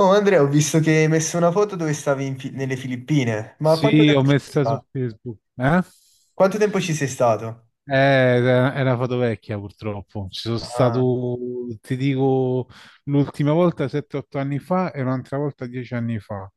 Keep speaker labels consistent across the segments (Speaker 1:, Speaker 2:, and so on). Speaker 1: Oh Andrea, ho visto che hai messo una foto dove stavi in nelle Filippine, ma quanto
Speaker 2: Sì, ho
Speaker 1: tempo ci sei
Speaker 2: messa su
Speaker 1: stato?
Speaker 2: Facebook. Eh?
Speaker 1: Quanto tempo ci sei stato?
Speaker 2: Era una foto vecchia purtroppo. Ci sono
Speaker 1: Ah,
Speaker 2: stato, ti dico, l'ultima volta 7-8 anni fa e un'altra volta 10 anni fa.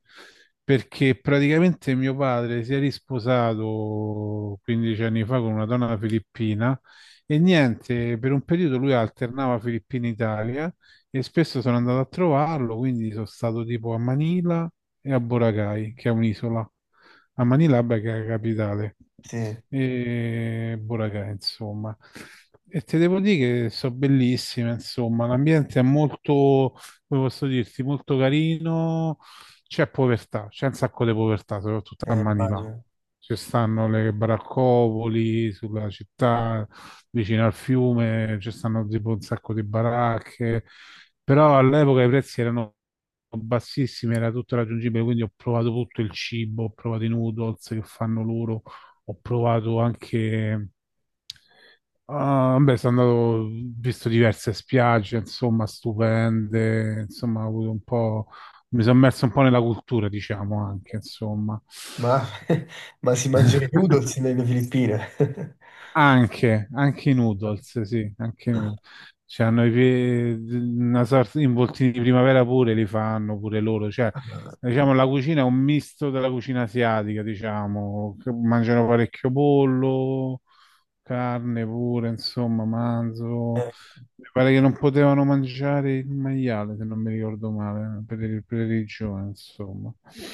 Speaker 2: Perché praticamente mio padre si è risposato 15 anni fa con una donna filippina e niente, per un periodo lui alternava Filippina-Italia e spesso sono andato a trovarlo, quindi sono stato tipo a Manila e a Boracay, che è un'isola, a Manilava, che è la capitale,
Speaker 1: sì,
Speaker 2: e Boracay, insomma. E te devo dire che sono bellissime, insomma, l'ambiente è molto, come posso dirti, molto carino, c'è povertà, c'è un sacco di povertà, soprattutto a Manila.
Speaker 1: immagino.
Speaker 2: Ci stanno le baraccopoli sulla città, vicino al fiume, ci stanno tipo un sacco di baracche, però all'epoca i prezzi erano bassissime, era tutto raggiungibile, quindi ho provato tutto il cibo, ho provato i noodles che fanno loro, ho provato anche... Ah, beh, sono andato, ho visto diverse spiagge, insomma, stupende, insomma, ho avuto un po'... mi sono immerso un po' nella cultura, diciamo, anche, insomma.
Speaker 1: Ma, ma si mangiano i noodles nelle Filippine?
Speaker 2: Anche i noodles, sì, anche i noodles. Cioè, hanno una sorta di involtini di primavera pure li fanno pure loro. Cioè, diciamo, la cucina è un misto della cucina asiatica, diciamo, che mangiano parecchio pollo, carne pure, insomma, manzo.
Speaker 1: Eh,
Speaker 2: Mi pare che non potevano mangiare il maiale, se non mi ricordo male, per religione, insomma.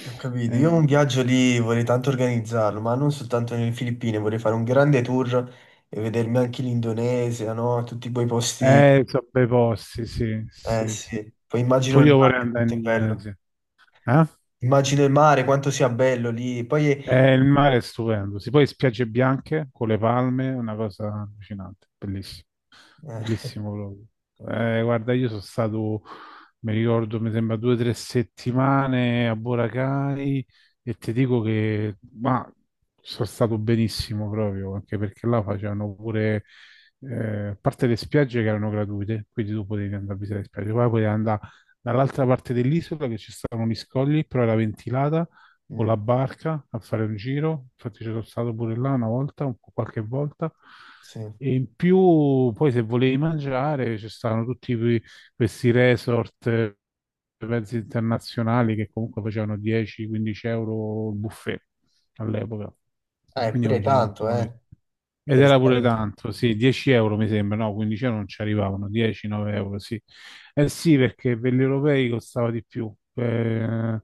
Speaker 1: Ho capito, io
Speaker 2: Eh,
Speaker 1: un viaggio lì vorrei tanto organizzarlo, ma non soltanto nelle Filippine, vorrei fare un grande tour e vedermi anche l'Indonesia, no? Tutti quei posti...
Speaker 2: eh, so bei posti, sì,
Speaker 1: Eh
Speaker 2: sì, sì.
Speaker 1: sì, poi immagino
Speaker 2: Pure
Speaker 1: il
Speaker 2: io vorrei
Speaker 1: mare,
Speaker 2: andare
Speaker 1: quanto
Speaker 2: in
Speaker 1: è bello.
Speaker 2: Indonesia. Eh?
Speaker 1: Immagino il mare, quanto sia bello lì. Poi
Speaker 2: Il mare è stupendo. Si poi spiagge bianche con le palme, una cosa allucinante, bellissima.
Speaker 1: eh,
Speaker 2: Bellissimo proprio. Guarda, io sono stato, mi ricordo, mi sembra 2 o 3 settimane a Boracay e ti dico che ma, sono stato benissimo proprio, anche perché là facevano pure, a parte le spiagge che erano gratuite, quindi tu potevi andare a visitare le spiagge, poi potevi andare dall'altra parte dell'isola che ci stavano gli scogli, però era ventilata con
Speaker 1: mm,
Speaker 2: la barca a fare un giro, infatti c'ero stato pure là una volta, qualche volta,
Speaker 1: sì.
Speaker 2: e in più poi se volevi mangiare ci stavano tutti questi resort, mezzi internazionali che comunque facevano 10-15 euro il buffet all'epoca, e quindi
Speaker 1: Pure
Speaker 2: mangiavi quanto
Speaker 1: tanto,
Speaker 2: volevi. Ed
Speaker 1: per
Speaker 2: era pure
Speaker 1: stare...
Speaker 2: tanto, sì, 10 euro mi sembra, no, 15 euro non ci arrivavano, 10, 9 euro, sì. Eh sì, perché per gli europei costava di più,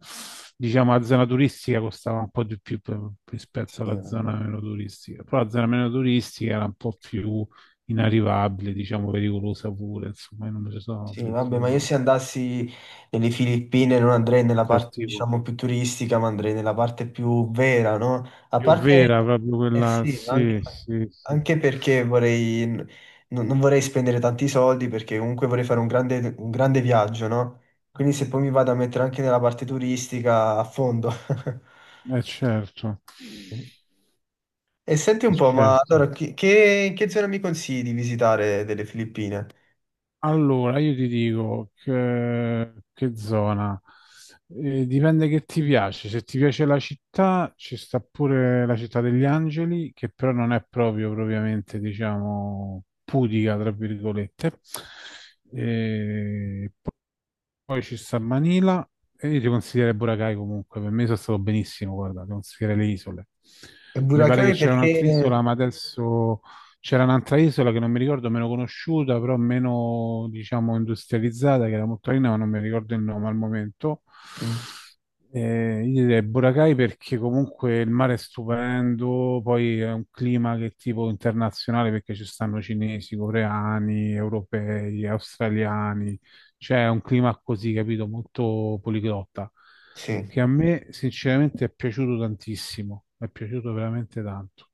Speaker 2: diciamo la zona turistica costava un po' di più rispetto
Speaker 1: Sì,
Speaker 2: alla
Speaker 1: vabbè.
Speaker 2: zona meno turistica, però la zona meno turistica era un po' più inarrivabile, diciamo pericolosa pure, insomma, io non me ci sono
Speaker 1: Sì, vabbè, ma
Speaker 2: avventurato
Speaker 1: io se
Speaker 2: tanto.
Speaker 1: andassi nelle Filippine non andrei nella
Speaker 2: Certo,
Speaker 1: parte,
Speaker 2: tipo.
Speaker 1: diciamo, più turistica, ma andrei nella parte più vera, no? A
Speaker 2: Più
Speaker 1: parte,
Speaker 2: vera, proprio
Speaker 1: eh
Speaker 2: quella,
Speaker 1: sì, ma anche,
Speaker 2: sì, sì, sì,
Speaker 1: anche perché vorrei, non vorrei spendere tanti soldi, perché comunque vorrei fare un grande viaggio, no? Quindi se poi mi vado a mettere anche nella parte turistica, a fondo.
Speaker 2: è certo,
Speaker 1: E senti
Speaker 2: è
Speaker 1: un po', ma
Speaker 2: certo.
Speaker 1: allora che zona mi consigli di visitare delle Filippine?
Speaker 2: Allora, io ti dico che zona. Dipende che ti piace. Se ti piace la città, ci sta pure la città degli angeli, che però non è proprio propriamente, diciamo, pudica, tra virgolette. Eh, poi ci sta Manila e io ti consiglierei Boracay comunque, per me sono stato benissimo, guarda, ti consiglierei le isole.
Speaker 1: E
Speaker 2: Mi pare
Speaker 1: Boracay
Speaker 2: che c'era
Speaker 1: perché...
Speaker 2: un'altra isola, ma adesso c'era un'altra isola che non mi ricordo, meno conosciuta, però meno, diciamo, industrializzata, che era molto carina, ma non mi ricordo il nome al momento.
Speaker 1: Mm,
Speaker 2: Io direi Boracay perché comunque il mare è stupendo, poi è un clima che è tipo internazionale perché ci stanno cinesi, coreani, europei, australiani, c'è un clima così, capito, molto poliglotta,
Speaker 1: sì,
Speaker 2: che a me sinceramente è piaciuto tantissimo, è piaciuto veramente tanto.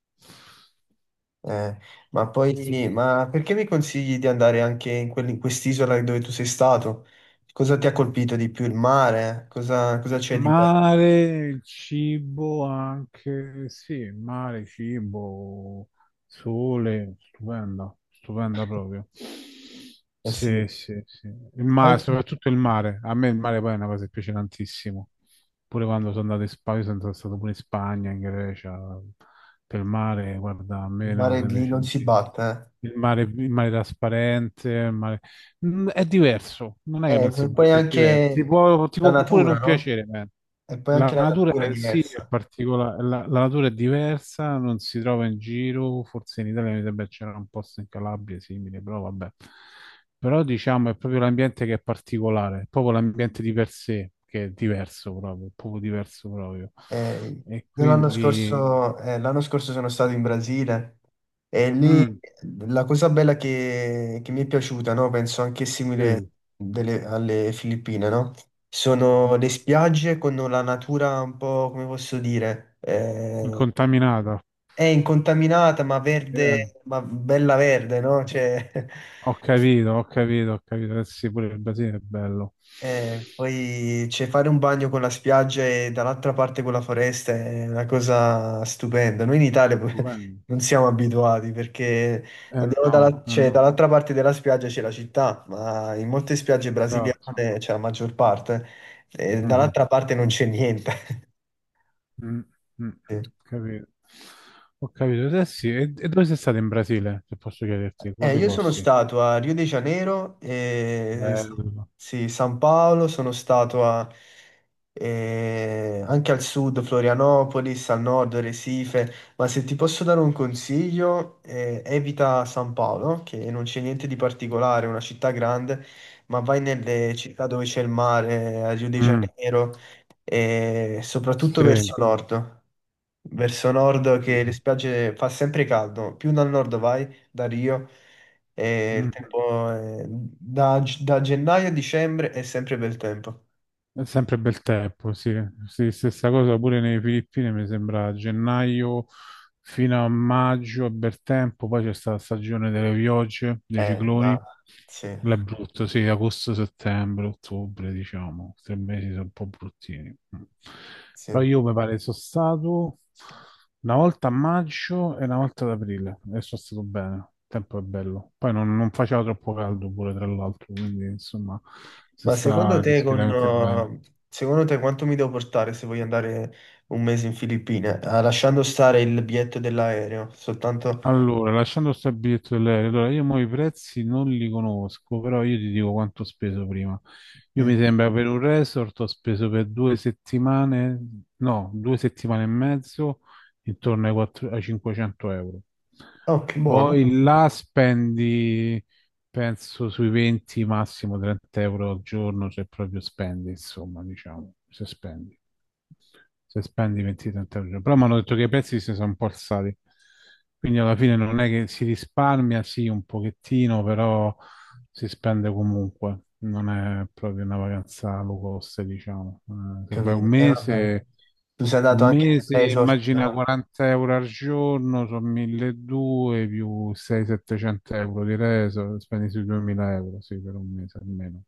Speaker 1: eh, ma poi... Ma perché mi consigli di andare anche in, in quest'isola dove tu sei stato? Cosa ti ha colpito di più? Il mare? Cosa
Speaker 2: Il
Speaker 1: c'è di bello?
Speaker 2: mare, il cibo anche, sì, mare, cibo, sole, stupenda, stupenda proprio.
Speaker 1: Eh sì,
Speaker 2: Sì, sì, sì. Il mare,
Speaker 1: anche il
Speaker 2: soprattutto il mare. A me il mare poi è una cosa che piace tantissimo. Pure quando sono andato in Spagna, sono stato pure in Spagna, in Grecia, per il mare, guarda, a me è una
Speaker 1: mare
Speaker 2: cosa che
Speaker 1: lì
Speaker 2: piace
Speaker 1: non si
Speaker 2: tantissimo.
Speaker 1: batte,
Speaker 2: Il mare trasparente, il mare- Mm, è diverso, non è che
Speaker 1: eh.
Speaker 2: non si
Speaker 1: E poi
Speaker 2: batte, è diverso. Ti
Speaker 1: anche
Speaker 2: può, ti
Speaker 1: la
Speaker 2: può pure
Speaker 1: natura,
Speaker 2: non
Speaker 1: no?
Speaker 2: piacere, ma
Speaker 1: E poi
Speaker 2: la
Speaker 1: anche la
Speaker 2: natura
Speaker 1: natura è
Speaker 2: sì, è
Speaker 1: diversa.
Speaker 2: particolare, la natura è diversa, non si trova in giro, forse in Italia mi sembra che c'era un posto in Calabria simile, però vabbè. Però diciamo è proprio l'ambiente che è particolare, è proprio l'ambiente di per sé che è diverso proprio, è proprio diverso proprio.
Speaker 1: Eh,
Speaker 2: E
Speaker 1: io
Speaker 2: quindi...
Speaker 1: l'anno scorso sono stato in Brasile e lì
Speaker 2: Mm,
Speaker 1: la cosa bella che mi è piaciuta, no? Penso anche
Speaker 2: sì,
Speaker 1: simile alle Filippine, no?
Speaker 2: mhm,
Speaker 1: Sono le spiagge con la natura un po', come posso dire,
Speaker 2: incontaminata.
Speaker 1: è incontaminata ma
Speaker 2: Eh,
Speaker 1: verde, ma bella verde, no? Cioè,
Speaker 2: Ho capito, ho capito, ho capito. Eh sì, pure il Brasile è bello.
Speaker 1: eh, poi cioè, fare un bagno con la spiaggia e dall'altra parte con la foresta è una cosa stupenda. Noi in Italia poi
Speaker 2: Stupendo.
Speaker 1: non siamo abituati perché andiamo
Speaker 2: No, eh
Speaker 1: cioè,
Speaker 2: no,
Speaker 1: dall'altra parte della spiaggia c'è la città, ma in molte spiagge
Speaker 2: esatto.
Speaker 1: brasiliane c'è la maggior parte, e
Speaker 2: Mhm,
Speaker 1: dall'altra parte non c'è niente.
Speaker 2: mm, mm, mm. Capito. Ho capito. Eh sì, e dove sei stato in Brasile, se posso chiederti? Quali
Speaker 1: Io sono
Speaker 2: posti?
Speaker 1: stato a Rio de Janeiro, e
Speaker 2: Bello.
Speaker 1: sì, San Paolo, anche al sud, Florianopolis, al nord, Recife, ma se ti posso dare un consiglio, evita San Paolo, che non c'è niente di particolare, è una città grande, ma vai nelle città dove c'è il mare, a Rio de
Speaker 2: Mm,
Speaker 1: Janeiro, e soprattutto
Speaker 2: sì.
Speaker 1: verso nord che le
Speaker 2: Mhm,
Speaker 1: spiagge fa sempre caldo, più dal nord vai, da Rio, e
Speaker 2: mhm.
Speaker 1: da, da gennaio a dicembre è sempre bel tempo.
Speaker 2: È sempre bel tempo, sì. Sì, stessa cosa pure nelle Filippine, mi sembra a gennaio fino a maggio è bel tempo, poi c'è stata la stagione delle piogge, dei cicloni,
Speaker 1: Ma sì,
Speaker 2: là è brutto, sì, agosto, settembre, ottobre, diciamo, 3 mesi sono un po' bruttini. Però
Speaker 1: sì.
Speaker 2: io mi pare sono stato una volta a maggio e una volta ad aprile e sono stato bene, il tempo è bello. Poi non faceva troppo caldo pure, tra l'altro, quindi insomma si
Speaker 1: Ma secondo
Speaker 2: sta
Speaker 1: te,
Speaker 2: discretamente bene.
Speaker 1: secondo te quanto mi devo portare se voglio andare un mese in Filippine? Ah, lasciando stare il biglietto dell'aereo, soltanto...
Speaker 2: Allora, lasciando stare il biglietto dell'aereo, allora io mo i prezzi non li conosco, però io ti dico quanto ho speso prima. Io mi
Speaker 1: Mm.
Speaker 2: sembra per un resort ho speso per 2 settimane, no, 2 settimane e mezzo, intorno ai 500 euro.
Speaker 1: Oh, che buono,
Speaker 2: Poi là spendi, penso, sui 20, massimo 30 euro al giorno, se proprio spendi, insomma, diciamo, se spendi. Se spendi 20-30 euro. Però mi hanno detto che i prezzi si sono un po' alzati. Quindi alla fine non è che si risparmia, sì, un pochettino, però si spende comunque. Non è proprio una vacanza low cost, diciamo. Se vai un
Speaker 1: capito. E vabbè,
Speaker 2: mese,
Speaker 1: tu sei andato anche nel resort.
Speaker 2: immagina 40 euro al giorno, sono 1200 più 600-700 euro di reso, spendi sui 2000 euro, sì, per un mese almeno,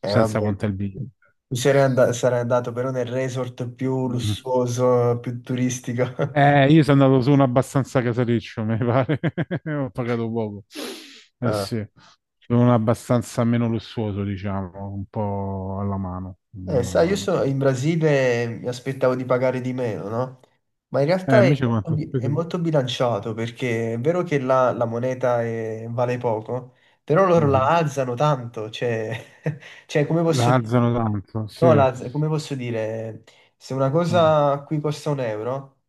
Speaker 2: senza
Speaker 1: Vabbè,
Speaker 2: contare il biglietto.
Speaker 1: sarei andato però nel resort più lussuoso, più turistico.
Speaker 2: Io sono andato su uno abbastanza casareccio, mi pare. Ho pagato poco. Eh
Speaker 1: Ah,
Speaker 2: sì, su uno abbastanza meno lussuoso, diciamo, un po' alla mano.
Speaker 1: eh,
Speaker 2: Alla
Speaker 1: sai,
Speaker 2: mano, sì.
Speaker 1: in Brasile mi aspettavo di pagare di meno, no? Ma in realtà è,
Speaker 2: Invece quanto ho
Speaker 1: è
Speaker 2: speso? Io?
Speaker 1: molto bilanciato perché è vero che là vale poco, però loro la
Speaker 2: Mhm.
Speaker 1: alzano tanto, cioè, cioè come posso
Speaker 2: La
Speaker 1: dire?
Speaker 2: alzano tanto, sì.
Speaker 1: No, come posso dire? Se una
Speaker 2: Mm,
Speaker 1: cosa qui costa un euro,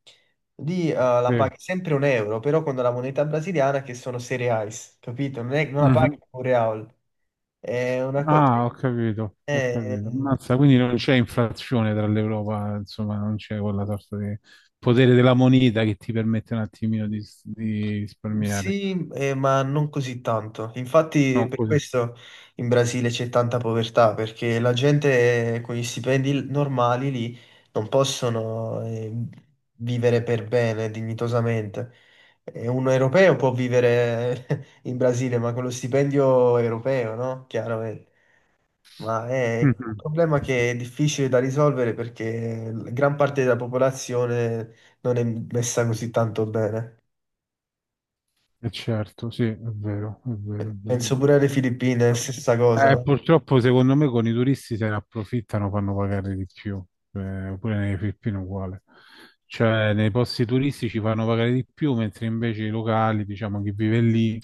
Speaker 1: lì la
Speaker 2: sì.
Speaker 1: paghi sempre un euro, però con la moneta brasiliana che sono 6 reais, capito? Non la paghi
Speaker 2: Mhm.
Speaker 1: un real. È una cosa...
Speaker 2: Ah, ho capito, ho capito. Ammazza, quindi non c'è inflazione tra l'Europa, insomma, non c'è quella sorta di potere della moneta che ti permette un attimino di risparmiare.
Speaker 1: Sì, ma non così tanto. Infatti,
Speaker 2: Non
Speaker 1: per
Speaker 2: così.
Speaker 1: questo in Brasile c'è tanta povertà, perché la gente con gli stipendi normali lì non possono vivere per bene, dignitosamente. E un europeo può vivere in Brasile, ma con lo stipendio europeo, no? Chiaramente. Ma è un
Speaker 2: Mhm.
Speaker 1: problema che è difficile da risolvere perché gran parte della popolazione non è messa così tanto bene.
Speaker 2: Eh certo, sì, è vero, è vero, è vero.
Speaker 1: Penso pure alle Filippine, è la stessa cosa, no?
Speaker 2: Purtroppo secondo me con i turisti se ne approfittano, fanno pagare di più, pure nelle Filippine uguale. Cioè nei posti turistici fanno pagare di più, mentre invece i locali, diciamo chi vive lì,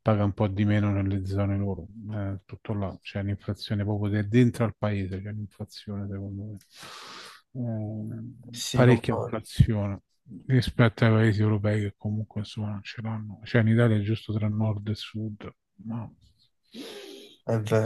Speaker 2: paga un po' di meno nelle zone loro. Tutto là, c'è un'inflazione proprio dentro al paese, c'è un'inflazione secondo me,
Speaker 1: Sì,
Speaker 2: parecchia
Speaker 1: concordo.
Speaker 2: inflazione rispetto ai paesi europei che comunque insomma non ce l'hanno. Cioè in Italia è giusto tra nord e sud, ma...
Speaker 1: È vero.